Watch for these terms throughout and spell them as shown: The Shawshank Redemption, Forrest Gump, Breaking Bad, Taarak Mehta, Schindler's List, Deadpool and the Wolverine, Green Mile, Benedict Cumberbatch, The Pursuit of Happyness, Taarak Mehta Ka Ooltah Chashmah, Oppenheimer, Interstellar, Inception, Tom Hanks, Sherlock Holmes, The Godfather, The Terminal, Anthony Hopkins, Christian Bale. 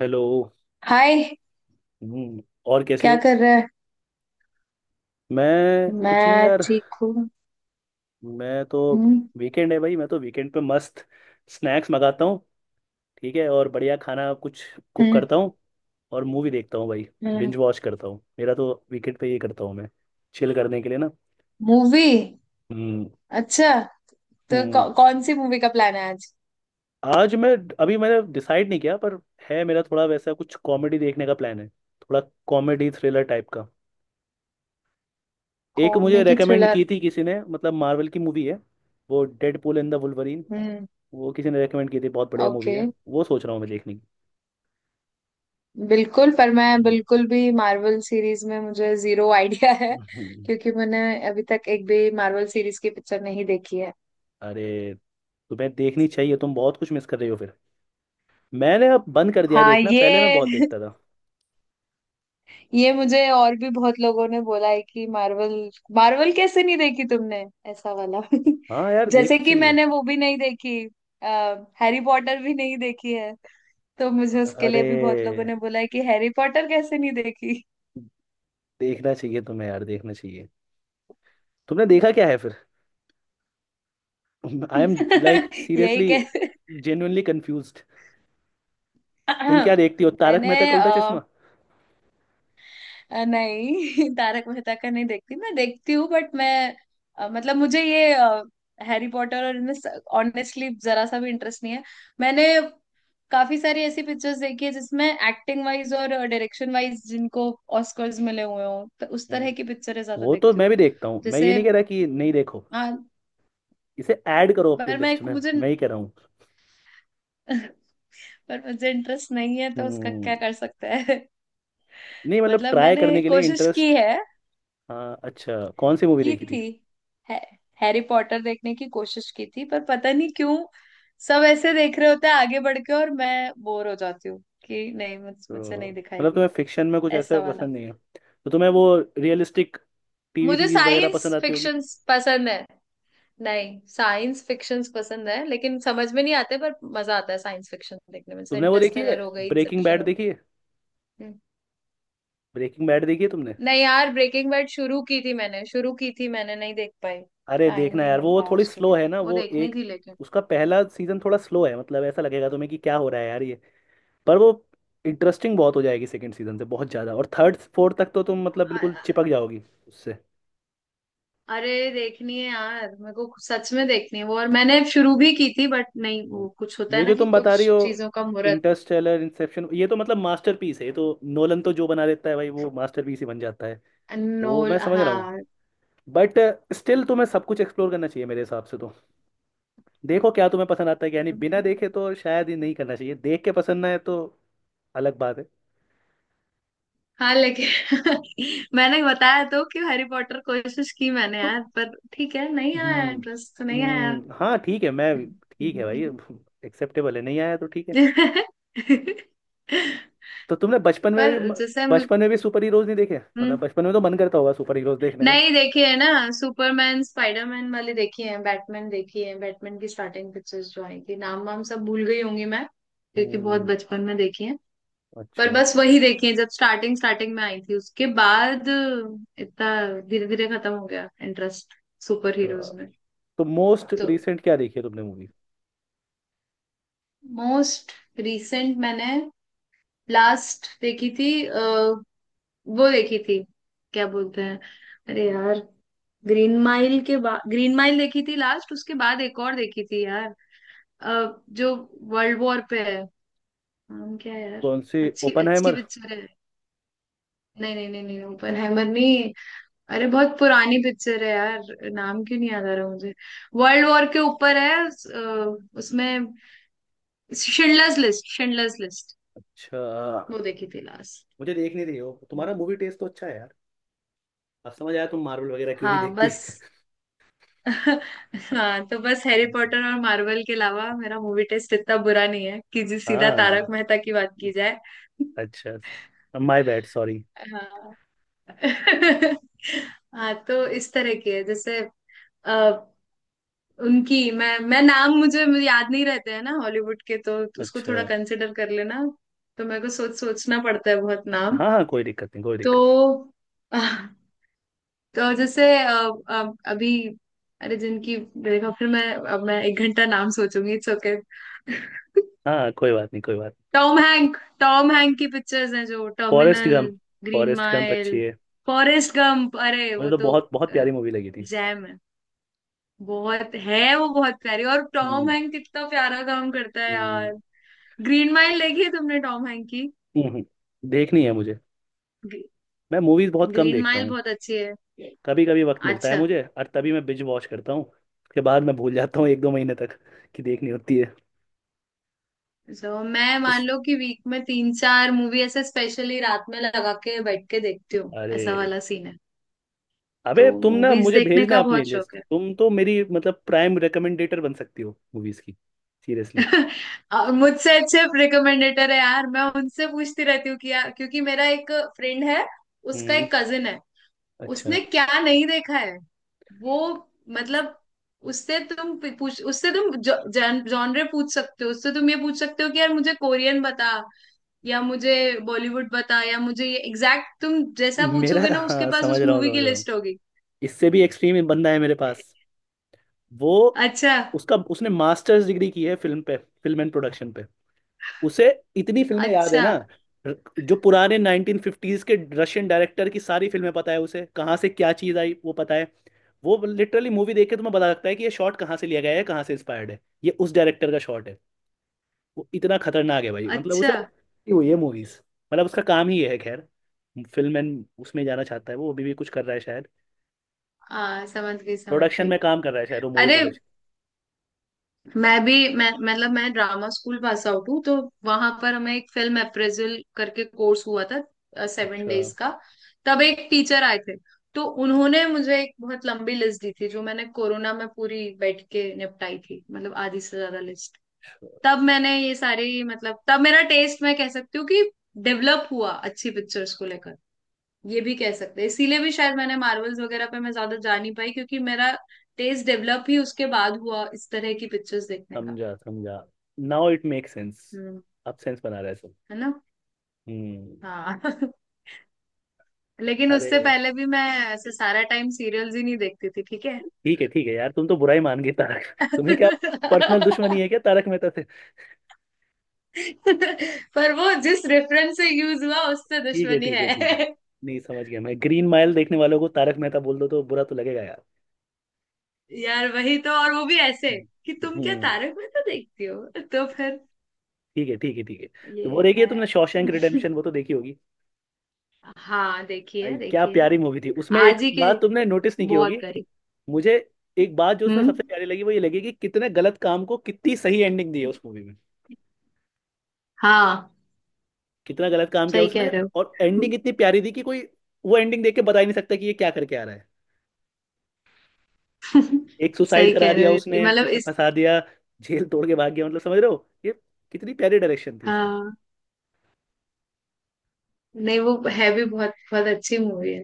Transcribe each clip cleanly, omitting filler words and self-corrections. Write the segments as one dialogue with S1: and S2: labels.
S1: Hello.
S2: हाय।
S1: और कैसी
S2: क्या
S1: हो।
S2: कर रहा है।
S1: मैं कुछ नहीं
S2: मैं
S1: यार।
S2: ठीक हूँ।
S1: मैं तो
S2: हम्म।
S1: वीकेंड है भाई, मैं तो वीकेंड पे मस्त स्नैक्स मंगाता हूँ। ठीक है, और बढ़िया खाना कुछ कुक
S2: हम्म।
S1: करता हूँ, और मूवी देखता हूँ भाई।
S2: हम्म।
S1: बिंज वॉच करता हूँ, मेरा तो वीकेंड पे ये करता हूँ मैं, चिल करने के लिए ना।
S2: मूवी।
S1: हम्म
S2: अच्छा। तो
S1: हम्म
S2: कौन सी मूवी का प्लान है आज।
S1: आज मैं, अभी मैंने डिसाइड नहीं किया, पर है, मेरा थोड़ा वैसा कुछ कॉमेडी देखने का प्लान है, थोड़ा कॉमेडी थ्रिलर टाइप का। एक मुझे
S2: कॉमेडी
S1: रेकमेंड
S2: थ्रिलर।
S1: की थी किसी ने, मतलब मार्वल की मूवी है वो, डेडपूल एंड द वुल्वरीन।
S2: हम्म।
S1: वो किसी ने रेकमेंड की थी, बहुत बढ़िया मूवी
S2: ओके।
S1: है वो, सोच रहा हूँ मैं देखने की।
S2: बिल्कुल, पर मैं बिल्कुल भी मार्वल सीरीज में मुझे जीरो आइडिया है,
S1: हम्म।
S2: क्योंकि मैंने अभी तक एक भी मार्वल सीरीज की पिक्चर नहीं देखी है।
S1: अरे तुम्हें देखनी चाहिए, तुम बहुत कुछ मिस कर रही हो फिर। मैंने अब बंद कर दिया है
S2: हाँ
S1: देखना, पहले मैं
S2: ये
S1: बहुत देखता था।
S2: ये मुझे और भी बहुत लोगों ने बोला है कि मार्वल मार्वल कैसे नहीं देखी तुमने, ऐसा वाला।
S1: हाँ यार
S2: जैसे
S1: देखनी
S2: कि
S1: चाहिए।
S2: मैंने वो भी नहीं देखी। आ, हैरी पॉटर भी नहीं देखी है, तो मुझे उसके लिए
S1: अरे
S2: भी बहुत लोगों ने बोला है कि हैरी पॉटर कैसे नहीं देखी।
S1: देखना चाहिए तुम्हें यार, देखना चाहिए। तुमने देखा क्या है फिर? आई एम, लाइक,
S2: यही
S1: सीरियसली
S2: कह।
S1: Genuinely confuse. तुम क्या देखती हो, तारक मेहता का
S2: मैंने
S1: उल्टा चश्मा?
S2: नहीं तारक मेहता का नहीं देखती, मैं देखती हूँ, बट मैं मतलब मुझे ये हैरी पॉटर और इनमें ऑनेस्टली जरा सा भी इंटरेस्ट नहीं है। मैंने काफी सारी ऐसी पिक्चर्स देखी है जिसमें एक्टिंग वाइज और डायरेक्शन वाइज जिनको ऑस्कर्स मिले हुए हों, तो उस तरह
S1: हम्म।
S2: की पिक्चरें ज्यादा
S1: वो तो
S2: देखती
S1: मैं
S2: हूँ।
S1: भी देखता हूँ, मैं ये
S2: जैसे
S1: नहीं कह रहा कि नहीं देखो,
S2: हाँ,
S1: इसे ऐड करो अपने
S2: पर मैं
S1: लिस्ट में,
S2: मुझे
S1: मैं ही कह रहा हूँ।
S2: पर मुझे इंटरेस्ट नहीं है तो उसका
S1: हम्म,
S2: क्या कर सकते हैं।
S1: नहीं मतलब
S2: मतलब
S1: ट्राई
S2: मैंने
S1: करने के लिए
S2: कोशिश की
S1: इंटरेस्ट।
S2: है,
S1: हाँ अच्छा, कौन सी मूवी
S2: की
S1: देखी थी?
S2: थी। है, हैरी पॉटर देखने की कोशिश की थी पर पता नहीं क्यों सब ऐसे देख रहे होते हैं आगे बढ़ के, और मैं बोर हो जाती हूँ कि नहीं, मुझसे
S1: तो
S2: नहीं
S1: मतलब
S2: दिखाएगी,
S1: तुम्हें फिक्शन में कुछ ऐसा
S2: ऐसा वाला।
S1: पसंद नहीं है, तो तुम्हें वो रियलिस्टिक टीवी
S2: मुझे
S1: सीरीज वगैरह
S2: साइंस
S1: पसंद आती होगी।
S2: फिक्शंस पसंद है, नहीं साइंस फिक्शंस पसंद है लेकिन समझ में नहीं आते पर मजा आता है साइंस फिक्शन देखने में, जैसे
S1: तुमने वो देखी है,
S2: इंटरस्टेलर हो गई,
S1: ब्रेकिंग
S2: इंसेप्शन
S1: बैड
S2: हो।
S1: देखी है?
S2: हम्म।
S1: तुमने?
S2: नहीं यार, ब्रेकिंग बैड शुरू की थी मैंने, शुरू की थी मैंने, नहीं देख पाई।
S1: अरे
S2: टाइम
S1: देखना
S2: नहीं
S1: यार,
S2: मिल
S1: वो
S2: पाया
S1: थोड़ी
S2: उसके
S1: स्लो
S2: लिए,
S1: है ना
S2: वो
S1: वो,
S2: देखनी
S1: एक,
S2: थी लेकिन।
S1: उसका पहला सीजन थोड़ा स्लो है, मतलब ऐसा लगेगा तुम्हें कि क्या हो रहा है यार ये, पर वो इंटरेस्टिंग बहुत हो जाएगी सेकंड सीजन से बहुत ज़्यादा, और थर्ड फोर्थ तक तो तुम मतलब बिल्कुल चिपक जाओगी उससे।
S2: अरे देखनी है यार, मेरे को सच में देखनी है वो, और मैंने शुरू भी की थी बट नहीं,
S1: नहीं।
S2: वो कुछ होता है
S1: ये
S2: ना
S1: जो
S2: कि
S1: तुम बता रही
S2: कुछ
S1: हो,
S2: चीजों का मुहूर्त।
S1: इंटरस्टेलर, इंसेप्शन, ये तो मतलब मास्टरपीस है, ये तो नोलन तो जो बना देता है भाई वो मास्टरपीस ही बन जाता है। वो मैं
S2: नोल
S1: समझ रहा हूँ,
S2: हाँ।
S1: बट स्टिल तुम्हें सब कुछ एक्सप्लोर करना चाहिए मेरे हिसाब से तो। देखो क्या तुम्हें पसंद आता है, यानी बिना देखे तो शायद ही नहीं करना चाहिए, देख के पसंद ना है तो अलग बात है।
S2: हाँ लेकिन मैंने बताया तो कि हैरी पॉटर कोशिश की मैंने
S1: तो
S2: यार, पर ठीक है नहीं आया
S1: हम्म
S2: इंटरेस्ट तो नहीं आया।
S1: हाँ ठीक है मैं, ठीक है भाई,
S2: हम्म।
S1: एक्सेप्टेबल है, नहीं आया तो ठीक है। तो तुमने
S2: पर जैसे
S1: बचपन में भी सुपर हीरोज नहीं देखे? मतलब
S2: हम्म।
S1: बचपन में तो मन करता होगा सुपर हीरोज देखने का।
S2: नहीं देखी है ना। सुपरमैन स्पाइडरमैन वाली देखी है, बैटमैन देखी है, बैटमैन की स्टार्टिंग पिक्चर्स जो आई थी, नाम वाम सब भूल गई होंगी मैं, क्योंकि बहुत
S1: हम्म
S2: बचपन में देखी है। पर
S1: अच्छा।
S2: बस वही देखी है जब स्टार्टिंग स्टार्टिंग में आई थी, उसके बाद इतना धीरे धीरे खत्म हो गया इंटरेस्ट सुपर
S1: अच्छा,
S2: हीरोज में।
S1: तो मोस्ट
S2: तो
S1: रिसेंट क्या देखी है तुमने मूवी?
S2: मोस्ट रिसेंट मैंने लास्ट देखी थी, वो देखी थी, क्या बोलते हैं, अरे यार, ग्रीन माइल के बाद, ग्रीन माइल देखी थी लास्ट, उसके बाद एक और देखी थी यार, जो वर्ल्ड वॉर पे है, नाम क्या है यार,
S1: कौन सी,
S2: अच्छी अच्छी
S1: ओपनहाइमर?
S2: पिक्चर है। नहीं नहीं नहीं नहीं, ओपनहाइमर नहीं। अरे बहुत पुरानी पिक्चर है यार, नाम क्यों नहीं याद आ रहा मुझे। वर्ल्ड वॉर के ऊपर है उसमें, शिंडलर्स लिस्ट, शिंडलर्स लिस्ट।
S1: अच्छा।
S2: वो देखी थी लास्ट।
S1: मुझे देख नहीं रही हो, तुम्हारा मूवी टेस्ट तो अच्छा है यार, अब समझ आया तुम मार्वल वगैरह क्यों नहीं
S2: हाँ
S1: देखती।
S2: बस। हाँ तो बस हैरी पॉटर और मार्वल के अलावा मेरा मूवी टेस्ट इतना बुरा नहीं है कि जी सीधा तारक
S1: हाँ
S2: मेहता की बात की जाए।
S1: अच्छा, माय बैड सॉरी।
S2: हाँ। हाँ तो इस तरह की है, जैसे अ, उनकी मैं नाम मुझे याद नहीं रहते हैं ना हॉलीवुड के, तो उसको
S1: अच्छा,
S2: थोड़ा कंसिडर कर लेना। तो मेरे को सोचना पड़ता है बहुत नाम।
S1: हाँ हाँ, कोई दिक्कत नहीं, कोई
S2: तो
S1: दिक्कत
S2: तो जैसे अभी, अरे जिनकी, देखो फिर मैं, अब मैं एक घंटा नाम सोचूंगी, इट्स ओके।
S1: नहीं। हाँ हाँ, कोई बात नहीं, कोई बात नहीं।
S2: टॉम हैंक, टॉम हैंक की पिक्चर्स हैं, जो
S1: Forrest
S2: Terminal,
S1: Gump
S2: Green
S1: Forrest Gump अच्छी
S2: माइल,
S1: है।
S2: फॉरेस्ट गंप, अरे
S1: मुझे
S2: वो
S1: तो
S2: तो
S1: बहुत बहुत प्यारी मूवी लगी थी।
S2: जैम है, बहुत है वो, बहुत प्यारी, और टॉम
S1: हम्म
S2: हैंक कितना प्यारा काम करता है यार।
S1: हम्म,
S2: ग्रीन माइल देखी है तुमने टॉम हैंक की।
S1: देखनी है मुझे, मैं मूवीज बहुत कम
S2: ग्रीन
S1: देखता
S2: माइल
S1: हूँ।
S2: बहुत अच्छी है।
S1: कभी कभी वक्त मिलता है
S2: अच्छा।
S1: मुझे, और तभी मैं बिंज वॉच करता हूँ, उसके बाद मैं भूल जाता हूँ एक दो महीने तक कि देखनी होती है।
S2: तो मैं मान
S1: इश,
S2: लो कि वीक में तीन चार मूवी ऐसे स्पेशली रात में लगा के बैठ के देखती हूँ,
S1: अरे
S2: ऐसा वाला सीन है। तो
S1: अबे, तुम ना
S2: मूवीज
S1: मुझे
S2: देखने
S1: भेजना
S2: का
S1: अपनी
S2: बहुत
S1: लिस्ट,
S2: शौक है।
S1: तुम तो मेरी मतलब प्राइम रिकमेंडेटर बन सकती हो मूवीज की, सीरियसली।
S2: और मुझसे अच्छे रिकमेंडेटर है यार, मैं उनसे पूछती रहती हूँ कि यार, क्योंकि मेरा एक फ्रेंड है, उसका
S1: हम्म
S2: एक कजिन है,
S1: अच्छा।
S2: उसने क्या नहीं देखा है वो, मतलब उससे तुम जॉनरे पूछ सकते हो, उससे तुम ये पूछ सकते हो कि यार मुझे कोरियन बता या मुझे बॉलीवुड बता, या मुझे ये एग्जैक्ट, तुम जैसा
S1: मेरा
S2: पूछोगे ना उसके
S1: हाँ
S2: पास
S1: समझ
S2: उस
S1: रहा हूँ,
S2: मूवी की
S1: समझ रहा हूँ।
S2: लिस्ट होगी।
S1: इससे भी एक्सट्रीम बंदा है मेरे पास, वो
S2: अच्छा।
S1: उसका उसने मास्टर्स डिग्री की है फिल्म पे, फिल्म एंड प्रोडक्शन। उसे इतनी फिल्में याद है
S2: अच्छा।
S1: ना, जो पुराने 1950s के रशियन डायरेक्टर की सारी फिल्में पता है उसे, कहाँ से क्या चीज आई वो पता है। वो लिटरली मूवी देख के तुम्हें पता लगता है कि ये शॉट कहाँ से लिया गया है, कहाँ से इंस्पायर्ड है, ये उस डायरेक्टर का शॉट है। वो इतना खतरनाक है भाई, मतलब उसे
S2: अच्छा।
S1: ये हुई है मूवीज, मतलब उसका काम ही ये है, खैर। फिल्म एंड उसमें जाना चाहता है वो, अभी भी कुछ कर रहा है शायद,
S2: हाँ समझ गई, समझ
S1: प्रोडक्शन
S2: गई।
S1: में काम कर रहा है शायद वो, मूवी
S2: अरे
S1: प्रोडक्शन।
S2: मैं भी मैं मतलब मैं ड्रामा स्कूल पास आउट हूँ, तो वहां पर हमें एक फिल्म अप्रेजल करके कोर्स हुआ था सेवन
S1: अच्छा,
S2: डेज का। तब एक टीचर आए थे, तो उन्होंने मुझे एक बहुत लंबी लिस्ट दी थी जो मैंने कोरोना में पूरी बैठ के निपटाई थी, मतलब आधी से ज्यादा लिस्ट। तब मैंने ये सारी, मतलब तब मेरा टेस्ट मैं कह सकती हूँ कि डेवलप हुआ अच्छी पिक्चर्स को लेकर, ये भी कह सकते हैं। इसीलिए भी शायद मैंने मार्वल्स वगैरह पे मैं ज्यादा जा नहीं पाई, क्योंकि मेरा टेस्ट डेवलप ही उसके बाद हुआ इस तरह की पिक्चर्स देखने का।
S1: समझा समझा। Now it make sense,
S2: hmm.
S1: अब सेंस बना रहा है सब।
S2: है ना।
S1: हम्म।
S2: हाँ। लेकिन उससे
S1: अरे
S2: पहले भी मैं ऐसे सारा टाइम सीरियल्स ही नहीं देखती थी, ठीक है।
S1: ठीक है यार, तुम तो बुरा ही मान गई तारक, तुम्हें क्या पर्सनल दुश्मनी है क्या तारक मेहता से?
S2: पर वो जिस रेफरेंस से यूज हुआ उससे
S1: ठीक है
S2: दुश्मनी
S1: ठीक है ठीक है,
S2: है।
S1: नहीं समझ गया मैं, ग्रीन माइल देखने वालों को तारक मेहता बोल दो तो बुरा तो लगेगा यार।
S2: यार वही तो, और वो भी ऐसे
S1: हम्म
S2: कि तुम क्या
S1: हम्म,
S2: तारक मेहता देखती हो, तो फिर
S1: ठीक है ठीक है ठीक है। तो वो
S2: ये
S1: देखिए,
S2: है।
S1: तुमने शॉशैंक रिडेम्पशन वो तो देखी होगी।
S2: हाँ
S1: भाई
S2: देखिए,
S1: क्या
S2: देखिए
S1: प्यारी मूवी थी, उसमें एक
S2: आज ही की,
S1: बात तुमने नोटिस नहीं की होगी।
S2: बहुत करी।
S1: मुझे एक बात जो उसमें
S2: हम्म।
S1: सबसे प्यारी लगी, वो ये लगी कि कितने गलत काम को कितनी सही एंडिंग दी है उस मूवी में।
S2: हाँ
S1: कितना गलत काम किया
S2: सही कह
S1: उसने,
S2: रहे
S1: और
S2: हो।
S1: एंडिंग इतनी प्यारी दी कि कोई वो एंडिंग देख के बता ही नहीं सकता कि ये क्या करके आ रहा है। एक सुसाइड
S2: सही
S1: करा
S2: कह
S1: दिया
S2: रहे हो,
S1: उसने,
S2: मतलब
S1: उसे
S2: इस,
S1: फंसा दिया, जेल तोड़ के भाग गया, मतलब समझ रहे हो ये, कितनी प्यारी डायरेक्शन थी उसमें।
S2: हाँ। नहीं वो है भी, बहुत बहुत अच्छी मूवी है।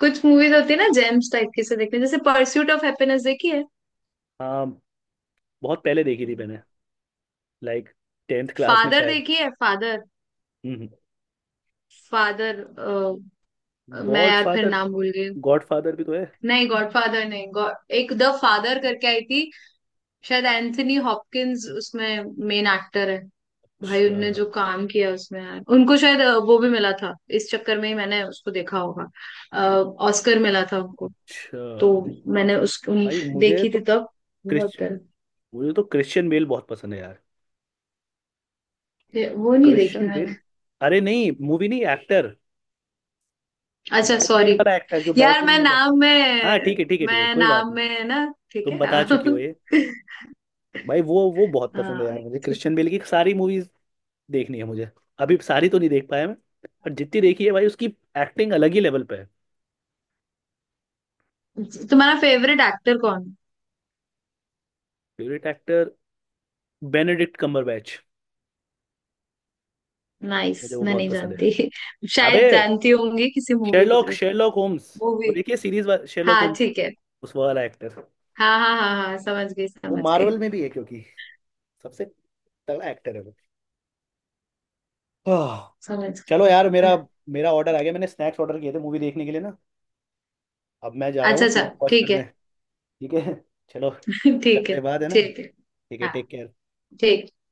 S2: कुछ मूवीज होती है ना जेम्स टाइप की से देखते हैं, जैसे परस्यूट ऑफ हैप्पीनेस देखी है।
S1: हाँ, बहुत पहले देखी थी मैंने, लाइक टेंथ क्लास में
S2: फादर
S1: शायद।
S2: देखी है, फादर,
S1: हम्म।
S2: फादर, मैं
S1: गॉड
S2: यार फिर
S1: फादर,
S2: नाम भूल गई।
S1: गॉड फादर भी तो है।
S2: नहीं गॉडफादर नहीं, गॉड एक द फादर करके आई थी, शायद एंथनी हॉपकिंस उसमें मेन एक्टर है। भाई
S1: अच्छा।
S2: उनने जो काम किया उसमें यार, उनको शायद वो भी मिला था, इस चक्कर में ही मैंने उसको देखा होगा। ऑस्कर मिला था उनको,
S1: अच्छा
S2: तो मैंने उस उन,
S1: भाई,
S2: देखी थी तब,
S1: क्रिश
S2: बहुत।
S1: मुझे तो क्रिश्चियन बेल बहुत पसंद है यार।
S2: ये- वो नहीं देखी
S1: क्रिश्चियन बेल,
S2: मैंने।
S1: अरे नहीं मूवी नहीं, एक्टर,
S2: अच्छा
S1: बैटमैन
S2: सॉरी।
S1: वाला एक्टर जो
S2: यार
S1: बैटमैन
S2: मैं
S1: में था।
S2: नाम
S1: हाँ
S2: में,
S1: ठीक है ठीक है ठीक है,
S2: मैं
S1: कोई बात
S2: नाम
S1: नहीं,
S2: में है ना, ठीक
S1: तुम बता चुकी हो ये।
S2: है।
S1: भाई वो बहुत पसंद है
S2: हाँ,
S1: यार मुझे,
S2: ठीक।
S1: क्रिश्चियन बेल की सारी मूवीज देखनी है मुझे, अभी सारी तो नहीं देख पाया मैं, पर जितनी देखी है भाई उसकी एक्टिंग अलग ही लेवल पे है।
S2: तुम्हारा फेवरेट एक्टर कौन।
S1: Favourite actor, Benedict Cumberbatch. मुझे
S2: नाइस,
S1: वो
S2: मैं
S1: बहुत
S2: नहीं
S1: पसंद है।
S2: जानती।
S1: अबे,
S2: शायद जानती होंगी किसी मूवी के
S1: शेरलॉक
S2: थ्रू।
S1: शेरलॉक होम्स, वो
S2: मूवी।
S1: देखिए सीरीज शेरलॉक
S2: हाँ
S1: होम्स,
S2: ठीक है।
S1: उस वाला एक्टर,
S2: हाँ हाँ हाँ हाँ समझ गई,
S1: वो
S2: समझ गई,
S1: मार्वल में भी है, क्योंकि सबसे तगड़ा एक्टर है वो। आह,
S2: समझ
S1: चलो यार,
S2: गई।
S1: मेरा मेरा ऑर्डर आ गया, मैंने स्नैक्स ऑर्डर किए थे मूवी देखने के लिए ना, अब मैं जा रहा
S2: अच्छा,
S1: हूँ,
S2: अच्छा
S1: तुम वॉच
S2: ठीक
S1: कर
S2: है।
S1: दें, ठीक है, चलो
S2: ठीक
S1: करते
S2: है।
S1: हैं बाद, है ना,
S2: ठीक है।
S1: ठीक है
S2: हाँ
S1: टेक केयर।
S2: ठीक है।